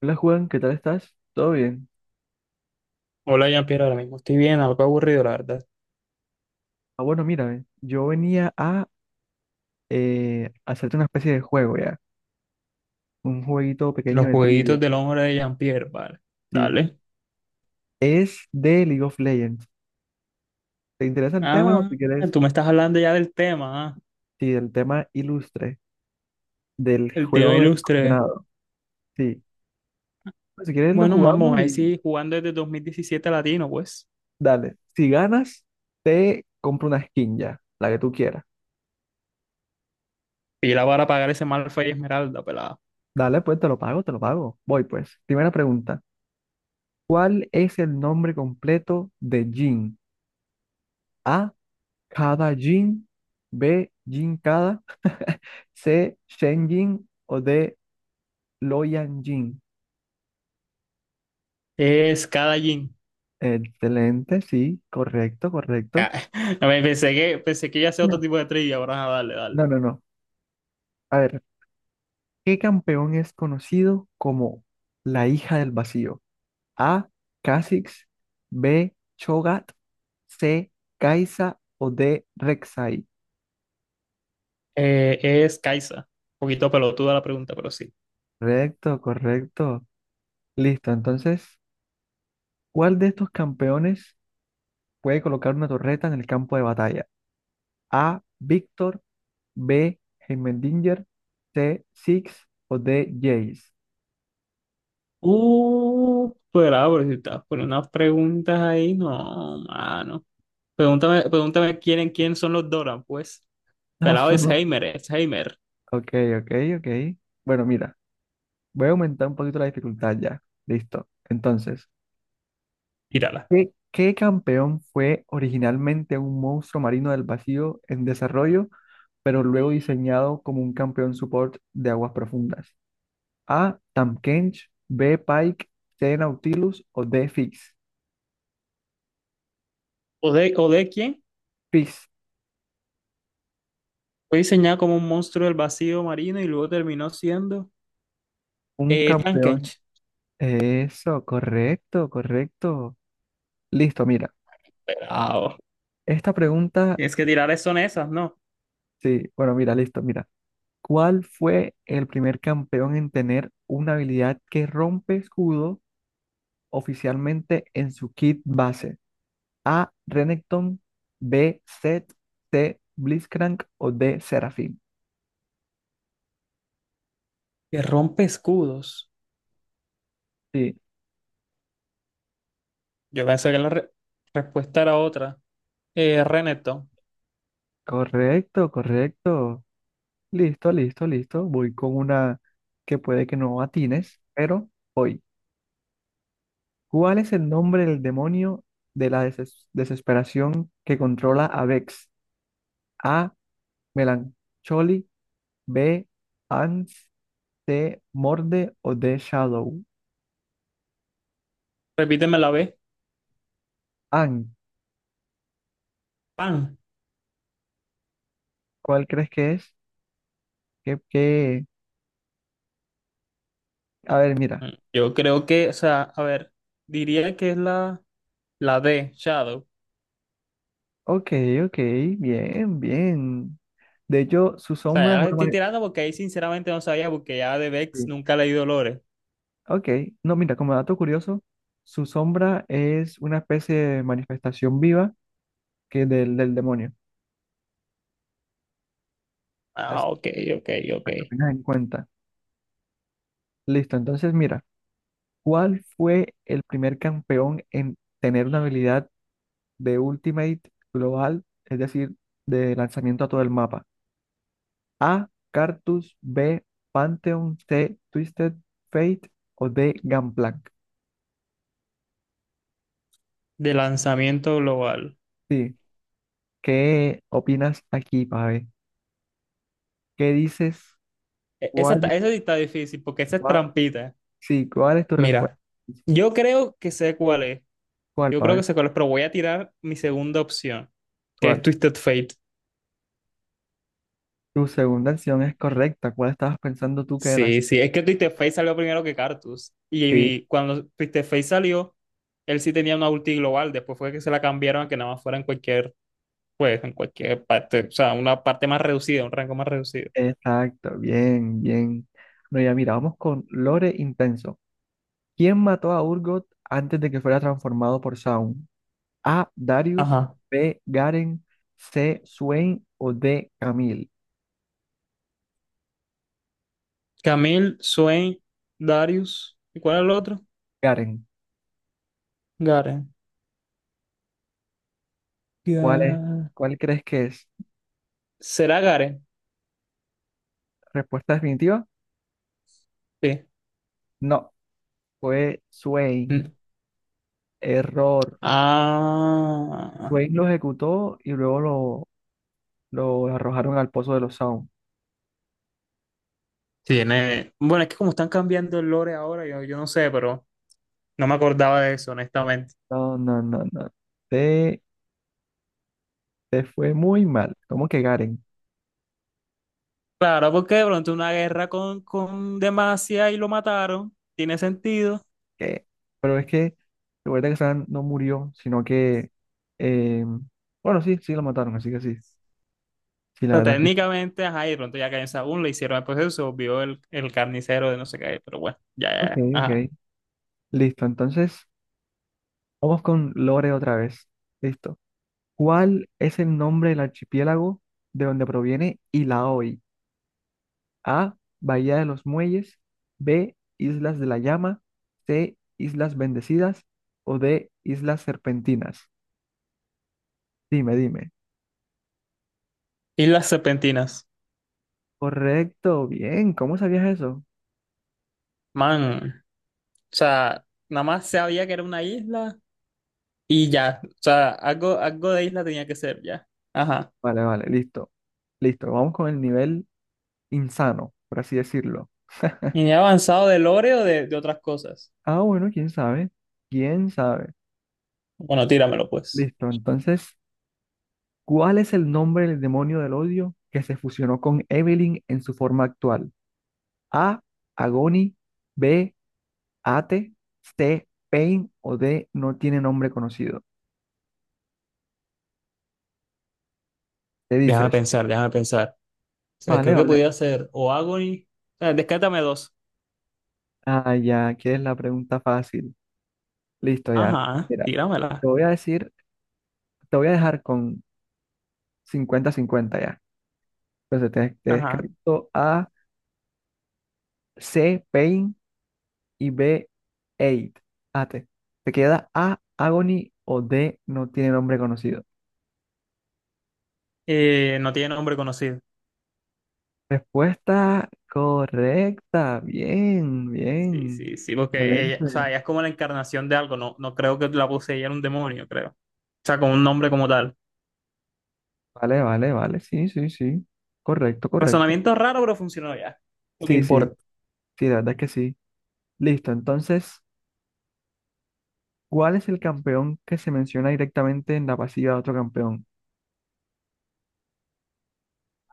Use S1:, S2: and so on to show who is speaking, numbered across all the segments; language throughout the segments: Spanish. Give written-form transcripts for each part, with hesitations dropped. S1: Hola Juan, ¿qué tal estás? ¿Todo bien?
S2: Hola Jean-Pierre, ahora mismo estoy bien, algo aburrido, la verdad.
S1: Ah, bueno, mira, yo venía a hacerte una especie de juego ya, un jueguito
S2: Los
S1: pequeño de trivia,
S2: jueguitos del hombre de Jean-Pierre, vale.
S1: sí.
S2: Dale.
S1: Es de League of Legends. ¿Te interesa el tema o si
S2: Ah,
S1: quieres,
S2: tú me estás hablando ya del tema, ah.
S1: sí, el tema ilustre del
S2: El tema
S1: juego del
S2: ilustre.
S1: condenado? Sí. Pues, si quieres lo
S2: Bueno, vamos
S1: jugamos
S2: a ver
S1: y
S2: si jugando desde 2017 latino, pues.
S1: dale. Si ganas, te compro una skin ya, la que tú quieras.
S2: Pila para pagar ese mal y esmeralda, pelada.
S1: Dale, pues te lo pago, te lo pago. Voy pues. Primera pregunta. ¿Cuál es el nombre completo de Jin? A. Cada Jin, B. Jin Kada, C. Shen Jin o D. Loyan Jin.
S2: Es cada jean.
S1: Excelente, sí, correcto, correcto.
S2: A ver, pensé que iba a ser otro
S1: No,
S2: tipo de trivia, ahora ah, dale, dale.
S1: no, no, no. A ver, ¿qué campeón es conocido como la hija del vacío? A. Kha'Zix, B. Chogat, C. Kaisa o D. Rek'Sai.
S2: Es Kaisa. Un poquito pelotuda la pregunta, pero sí.
S1: Correcto, correcto. Listo, entonces, ¿cuál de estos campeones puede colocar una torreta en el campo de batalla? A. Víctor. B. Heimendinger. C. Six. O D. Jace.
S2: Pero si estás poniendo unas preguntas ahí, no, mano. Pregúntame quién, en quién son los Doran, pues.
S1: No,
S2: Pelado es
S1: no.
S2: Heimer, es Heimer.
S1: Ok, ok, ok. Bueno, mira, voy a aumentar un poquito la dificultad ya. Listo. Entonces,
S2: Tírala.
S1: ¿qué campeón fue originalmente un monstruo marino del vacío en desarrollo, pero luego diseñado como un campeón support de aguas profundas? A. Tahm Kench. B. Pike. C. Nautilus. O D. Fix.
S2: Ode quién?
S1: Fix,
S2: Fue diseñado como un monstruo del vacío marino y luego terminó siendo
S1: un campeón.
S2: Tankench.
S1: Eso, correcto, correcto. Listo, mira.
S2: Pelado.
S1: Esta pregunta,
S2: Tienes que tirar son esas, ¿no?
S1: sí, bueno, mira, listo, mira. ¿Cuál fue el primer campeón en tener una habilidad que rompe escudo oficialmente en su kit base? A. Renekton, B. Zed, C. Blitzcrank o D. Seraphine.
S2: Que rompe escudos.
S1: Sí,
S2: Yo pensé que la respuesta era otra. Renekton.
S1: correcto, correcto. Listo, listo, listo. Voy con una que puede que no atines, pero voy. ¿Cuál es el nombre del demonio de la desesperación que controla a Vex? A. Melancholy. B. Ans. C. Morde o D. Shadow.
S2: Repíteme la B.
S1: An.
S2: Pan.
S1: ¿Cuál crees que es? ¿Qué, qué? A ver, mira.
S2: Yo creo que, o sea, a ver, diría que es la, la D, Shadow.
S1: Ok, ok. Bien, bien. De hecho, su
S2: Sea,
S1: sombra
S2: ya
S1: es
S2: la
S1: una...
S2: estoy
S1: ma-
S2: tirando porque ahí sinceramente no sabía, porque ya de Vex
S1: sí,
S2: nunca leí Dolores.
S1: ok. No, mira, como dato curioso, su sombra es una especie de manifestación viva que del demonio. Así
S2: Ah, ok, ok, ok.
S1: para que lo tengas en cuenta. Listo, entonces mira, ¿cuál fue el primer campeón en tener una habilidad de Ultimate global, es decir, de lanzamiento a todo el mapa? A, Cartus, B, Pantheon, C, Twisted Fate o D, Gangplank.
S2: De lanzamiento global.
S1: Sí, ¿qué opinas aquí, Pave? ¿Qué dices?
S2: Esa,
S1: ¿Cuál es,
S2: esa sí está difícil porque esa es
S1: cuál?
S2: trampita.
S1: Sí, ¿cuál es tu respuesta?
S2: Mira, yo creo que sé cuál es.
S1: ¿Cuál,
S2: Yo creo
S1: Pave?
S2: que sé cuál es, pero voy a tirar mi segunda opción, que es
S1: ¿Cuál?
S2: Twisted Fate.
S1: Tu segunda acción es correcta. ¿Cuál estabas pensando tú que era?
S2: Sí, sí, es que Twisted Fate salió primero que Cartus. Y,
S1: Sí.
S2: y cuando Twisted Fate salió, él sí tenía una ulti global. Después fue que se la cambiaron a que nada más fuera en cualquier, pues en cualquier parte, o sea, una parte más reducida, un rango más reducido.
S1: Exacto, bien, bien. Bueno, ya mira, vamos con Lore Intenso. ¿Quién mató a Urgot antes de que fuera transformado por Zaun? A. Darius,
S2: Ajá.
S1: B. Garen, C. Swain o D. Camille.
S2: Camille, Swain, Darius, ¿y cuál es el otro?
S1: Garen,
S2: Garen.
S1: ¿cuál es,
S2: Ga-
S1: cuál crees que es?
S2: ¿Será Garen?
S1: ¿Respuesta definitiva?
S2: Sí.
S1: No, fue
S2: Mm.
S1: Swain. Error.
S2: Ah,
S1: Swain lo ejecutó y luego lo arrojaron al pozo de los Zaun.
S2: tiene. Bueno, es que como están cambiando el lore ahora, yo no sé, pero no me acordaba de eso, honestamente.
S1: No, no, no, no. Te, te fue muy mal. ¿Cómo que Garen?
S2: Claro, porque de pronto una guerra con Demacia y lo mataron, tiene sentido.
S1: ¿Qué? Pero es que, recuerda que Sam no murió, sino que, eh, bueno, sí, sí lo mataron, así que sí, sí, la
S2: Sea,
S1: verdad es que sí.
S2: técnicamente, ajá, y de pronto ya Caín Saúl le hicieron el proceso, se volvió el carnicero de no sé qué, pero bueno, ya, ya,
S1: Ok,
S2: ya, ajá.
S1: ok, listo, entonces vamos con Lore otra vez, listo. ¿Cuál es el nombre del archipiélago de donde proviene Ilaoi? A, Bahía de los Muelles, B, Islas de la Llama, C, Islas Bendecidas o D, Islas Serpentinas. Dime, dime.
S2: Islas Serpentinas,
S1: Correcto, bien, ¿cómo sabías eso?
S2: man, o sea, nada más sabía que era una isla y ya, o sea, algo, algo de isla tenía que ser, ya, ajá.
S1: Vale, vale, listo. Listo, vamos con el nivel insano, por así decirlo.
S2: Y ni he avanzado de lore o de otras cosas.
S1: Ah, bueno, quién sabe. ¿Quién sabe?
S2: Bueno, tíramelo pues.
S1: Listo, entonces, ¿cuál es el nombre del demonio del odio que se fusionó con Evelyn en su forma actual? A, Agony, B, Ate, C, Pain o D, no tiene nombre conocido. Te
S2: Déjame
S1: dices,
S2: pensar, déjame pensar. O sea,
S1: vale,
S2: creo que
S1: vale.
S2: podía ser o Agony, o sea, descártame dos.
S1: Ah, ya, ¿quieres la pregunta fácil? Listo, ya.
S2: Ajá,
S1: Mira, te
S2: tíramela.
S1: voy a decir, te voy a dejar con 50-50 ya. Entonces te
S2: Ajá.
S1: descarto A, C, Pain y B, Eight. Ate. Te queda A, Agony o D, no tiene nombre conocido.
S2: No tiene nombre conocido.
S1: Respuesta correcta. Bien,
S2: Sí,
S1: bien.
S2: sí, sí, porque ella, o sea,
S1: Excelente.
S2: ella es como la encarnación de algo, no, no creo que la poseyera un demonio, creo. O sea, con un nombre como tal.
S1: Vale, vale, vale. Sí, sí, sí. Correcto, correcto.
S2: Razonamiento raro, pero funcionó ya. Lo que
S1: Sí, sí,
S2: importa.
S1: sí, la verdad es que sí. Listo, entonces, ¿cuál es el campeón que se menciona directamente en la pasiva de otro campeón?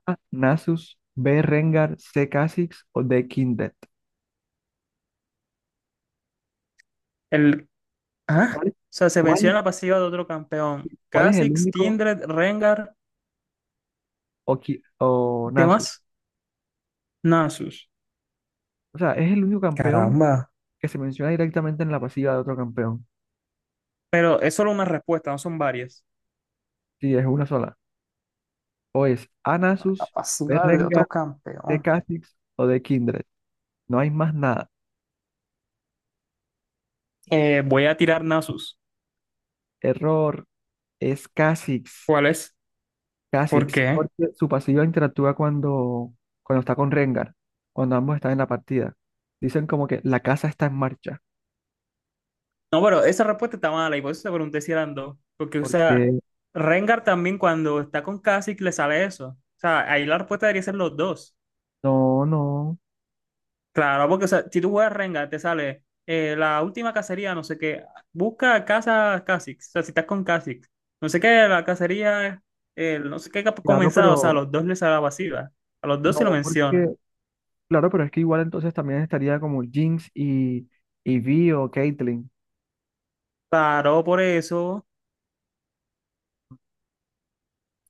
S1: A, Nasus, B, Rengar, C, Kha'Zix o D, Kindred.
S2: El, ah, o
S1: ¿Cuál es,
S2: sea, se
S1: cuál
S2: venció en
S1: es-
S2: la pasiva de otro campeón.
S1: ¿Cuál es el
S2: Kha'Zix,
S1: único
S2: Kindred, Rengar,
S1: Oki- o
S2: ¿qué
S1: Nasus?
S2: más? Nasus.
S1: O sea, es el único campeón
S2: Caramba.
S1: que se menciona directamente en la pasiva de otro campeón.
S2: Pero es solo una respuesta, no son varias.
S1: Sí, es una sola. O es
S2: La
S1: Anasus, de
S2: pasiva de
S1: Rengar,
S2: otro
S1: de
S2: campeón.
S1: Kha'Zix o de Kindred. No hay más nada.
S2: Voy a tirar Nasus.
S1: Error, es Kha'Zix.
S2: ¿Cuál es? ¿Por
S1: Kha'Zix,
S2: qué?
S1: porque su pasiva interactúa cuando está con Rengar, cuando ambos están en la partida. Dicen como que la casa está en marcha,
S2: No, pero esa respuesta está mala y por eso te pregunté si eran dos. Porque, o sea,
S1: porque
S2: Rengar también cuando está con Kha'Zix le sale eso. O sea, ahí la respuesta debería ser los dos.
S1: no, no,
S2: Claro, porque o sea, si tú juegas Rengar, te sale la última cacería, no sé qué. Busca casa Kha'Zix. O sea, si estás con Kha'Zix. No sé qué, la cacería, no sé qué ha
S1: claro,
S2: comenzado. O sea, a
S1: pero
S2: los dos les sale la pasiva. A los dos se lo
S1: no,
S2: menciona.
S1: porque claro, pero es que igual entonces también estaría como Jinx y Vi o Caitlyn.
S2: Claro, por eso.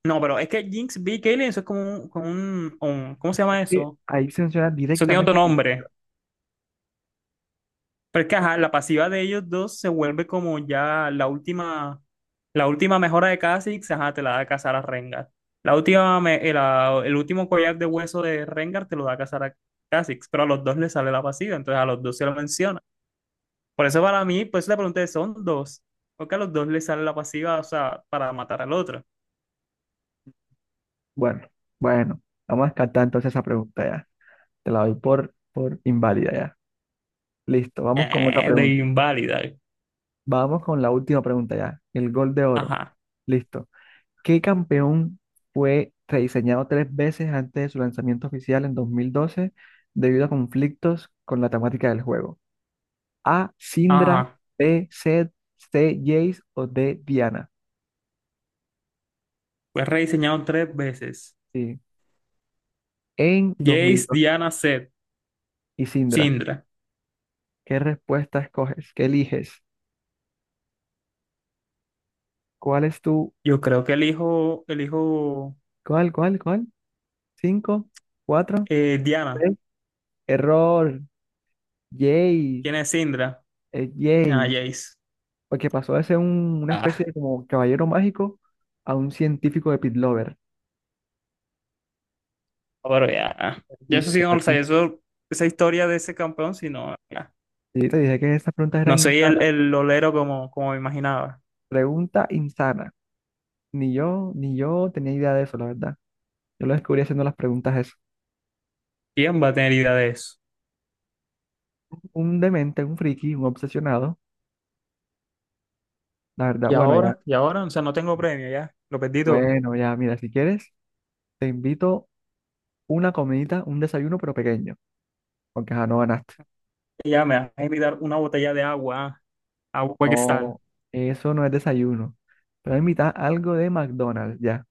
S2: No, pero es que Jinx, B, y Kayle, eso es como un, ¿cómo se
S1: Es
S2: llama
S1: que
S2: eso?
S1: ahí se menciona
S2: Eso tiene otro
S1: directamente.
S2: nombre. Porque ajá, la pasiva de ellos dos se vuelve como ya la última mejora de Kha'Zix, ajá, te la da Cazar a Rengar. La última, el último collar de hueso de Rengar te lo da Cazar a Kha'Zix, pero a los dos les sale la pasiva, entonces a los dos se lo menciona. Por eso para mí, pues le pregunté, son dos, porque a los dos les sale la pasiva, o sea, para matar al otro.
S1: Bueno, bueno, vamos a descartar entonces esa pregunta ya. Te la doy por inválida ya. Listo, vamos con otra
S2: De
S1: pregunta.
S2: inválida.
S1: Vamos con la última pregunta ya. El gol de oro.
S2: Ajá,
S1: Listo. ¿Qué campeón fue rediseñado tres veces antes de su lanzamiento oficial en 2012 debido a conflictos con la temática del juego? A, Sindra,
S2: ajá.
S1: B, Seth, C, Jace o D, Diana.
S2: Fue rediseñado 3 veces.
S1: Sí. En dos mil
S2: Jace,
S1: dos
S2: Diana, Zed,
S1: y Sindra,
S2: Syndra.
S1: ¿qué respuesta escoges? ¿Qué eliges? ¿Cuál es tu?
S2: Yo creo que elijo, elijo
S1: ¿Cuál, cuál, cuál? ¿Cinco? ¿Cuatro?
S2: Diana.
S1: ¿Tres? Error. Yay.
S2: ¿Quién es Indra?
S1: Es
S2: Ah,
S1: Yay.
S2: Jace.
S1: Porque pasó de ser un- una especie
S2: Ah,
S1: de como caballero mágico a un científico de Pit Lover.
S2: pero ya. Ya eso sí
S1: Perdiste,
S2: no lo sabía.
S1: perdiste.
S2: Eso, esa historia de ese campeón, si no, ya.
S1: Sí, te dije que esas preguntas
S2: No
S1: eran
S2: soy
S1: insanas.
S2: el olero como, como me imaginaba.
S1: Pregunta insana. Ni yo tenía idea de eso, la verdad. Yo lo descubrí haciendo las preguntas eso.
S2: ¿Quién va a tener idea de eso?
S1: Un demente, un friki, un obsesionado. La verdad, bueno, ya.
S2: Y ahora, o sea, no tengo premio ya. Lo perdí todo.
S1: Bueno, ya, mira, si quieres, te invito una comidita, un desayuno, pero pequeño. Porque ya no ganaste.
S2: Y ya me vas a invitar una botella de agua, ah, agua cristal.
S1: No, eso no es desayuno. Pero invita algo de McDonald's, ya.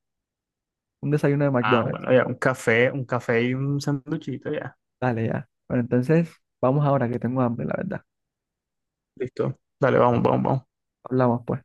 S1: Un desayuno de
S2: Ah,
S1: McDonald's.
S2: bueno, ya, un café y un sanduchito, ya.
S1: Dale, ya. Bueno, entonces, vamos ahora que tengo hambre, la verdad.
S2: Listo. Dale, vamos, vamos, vamos.
S1: Hablamos, pues.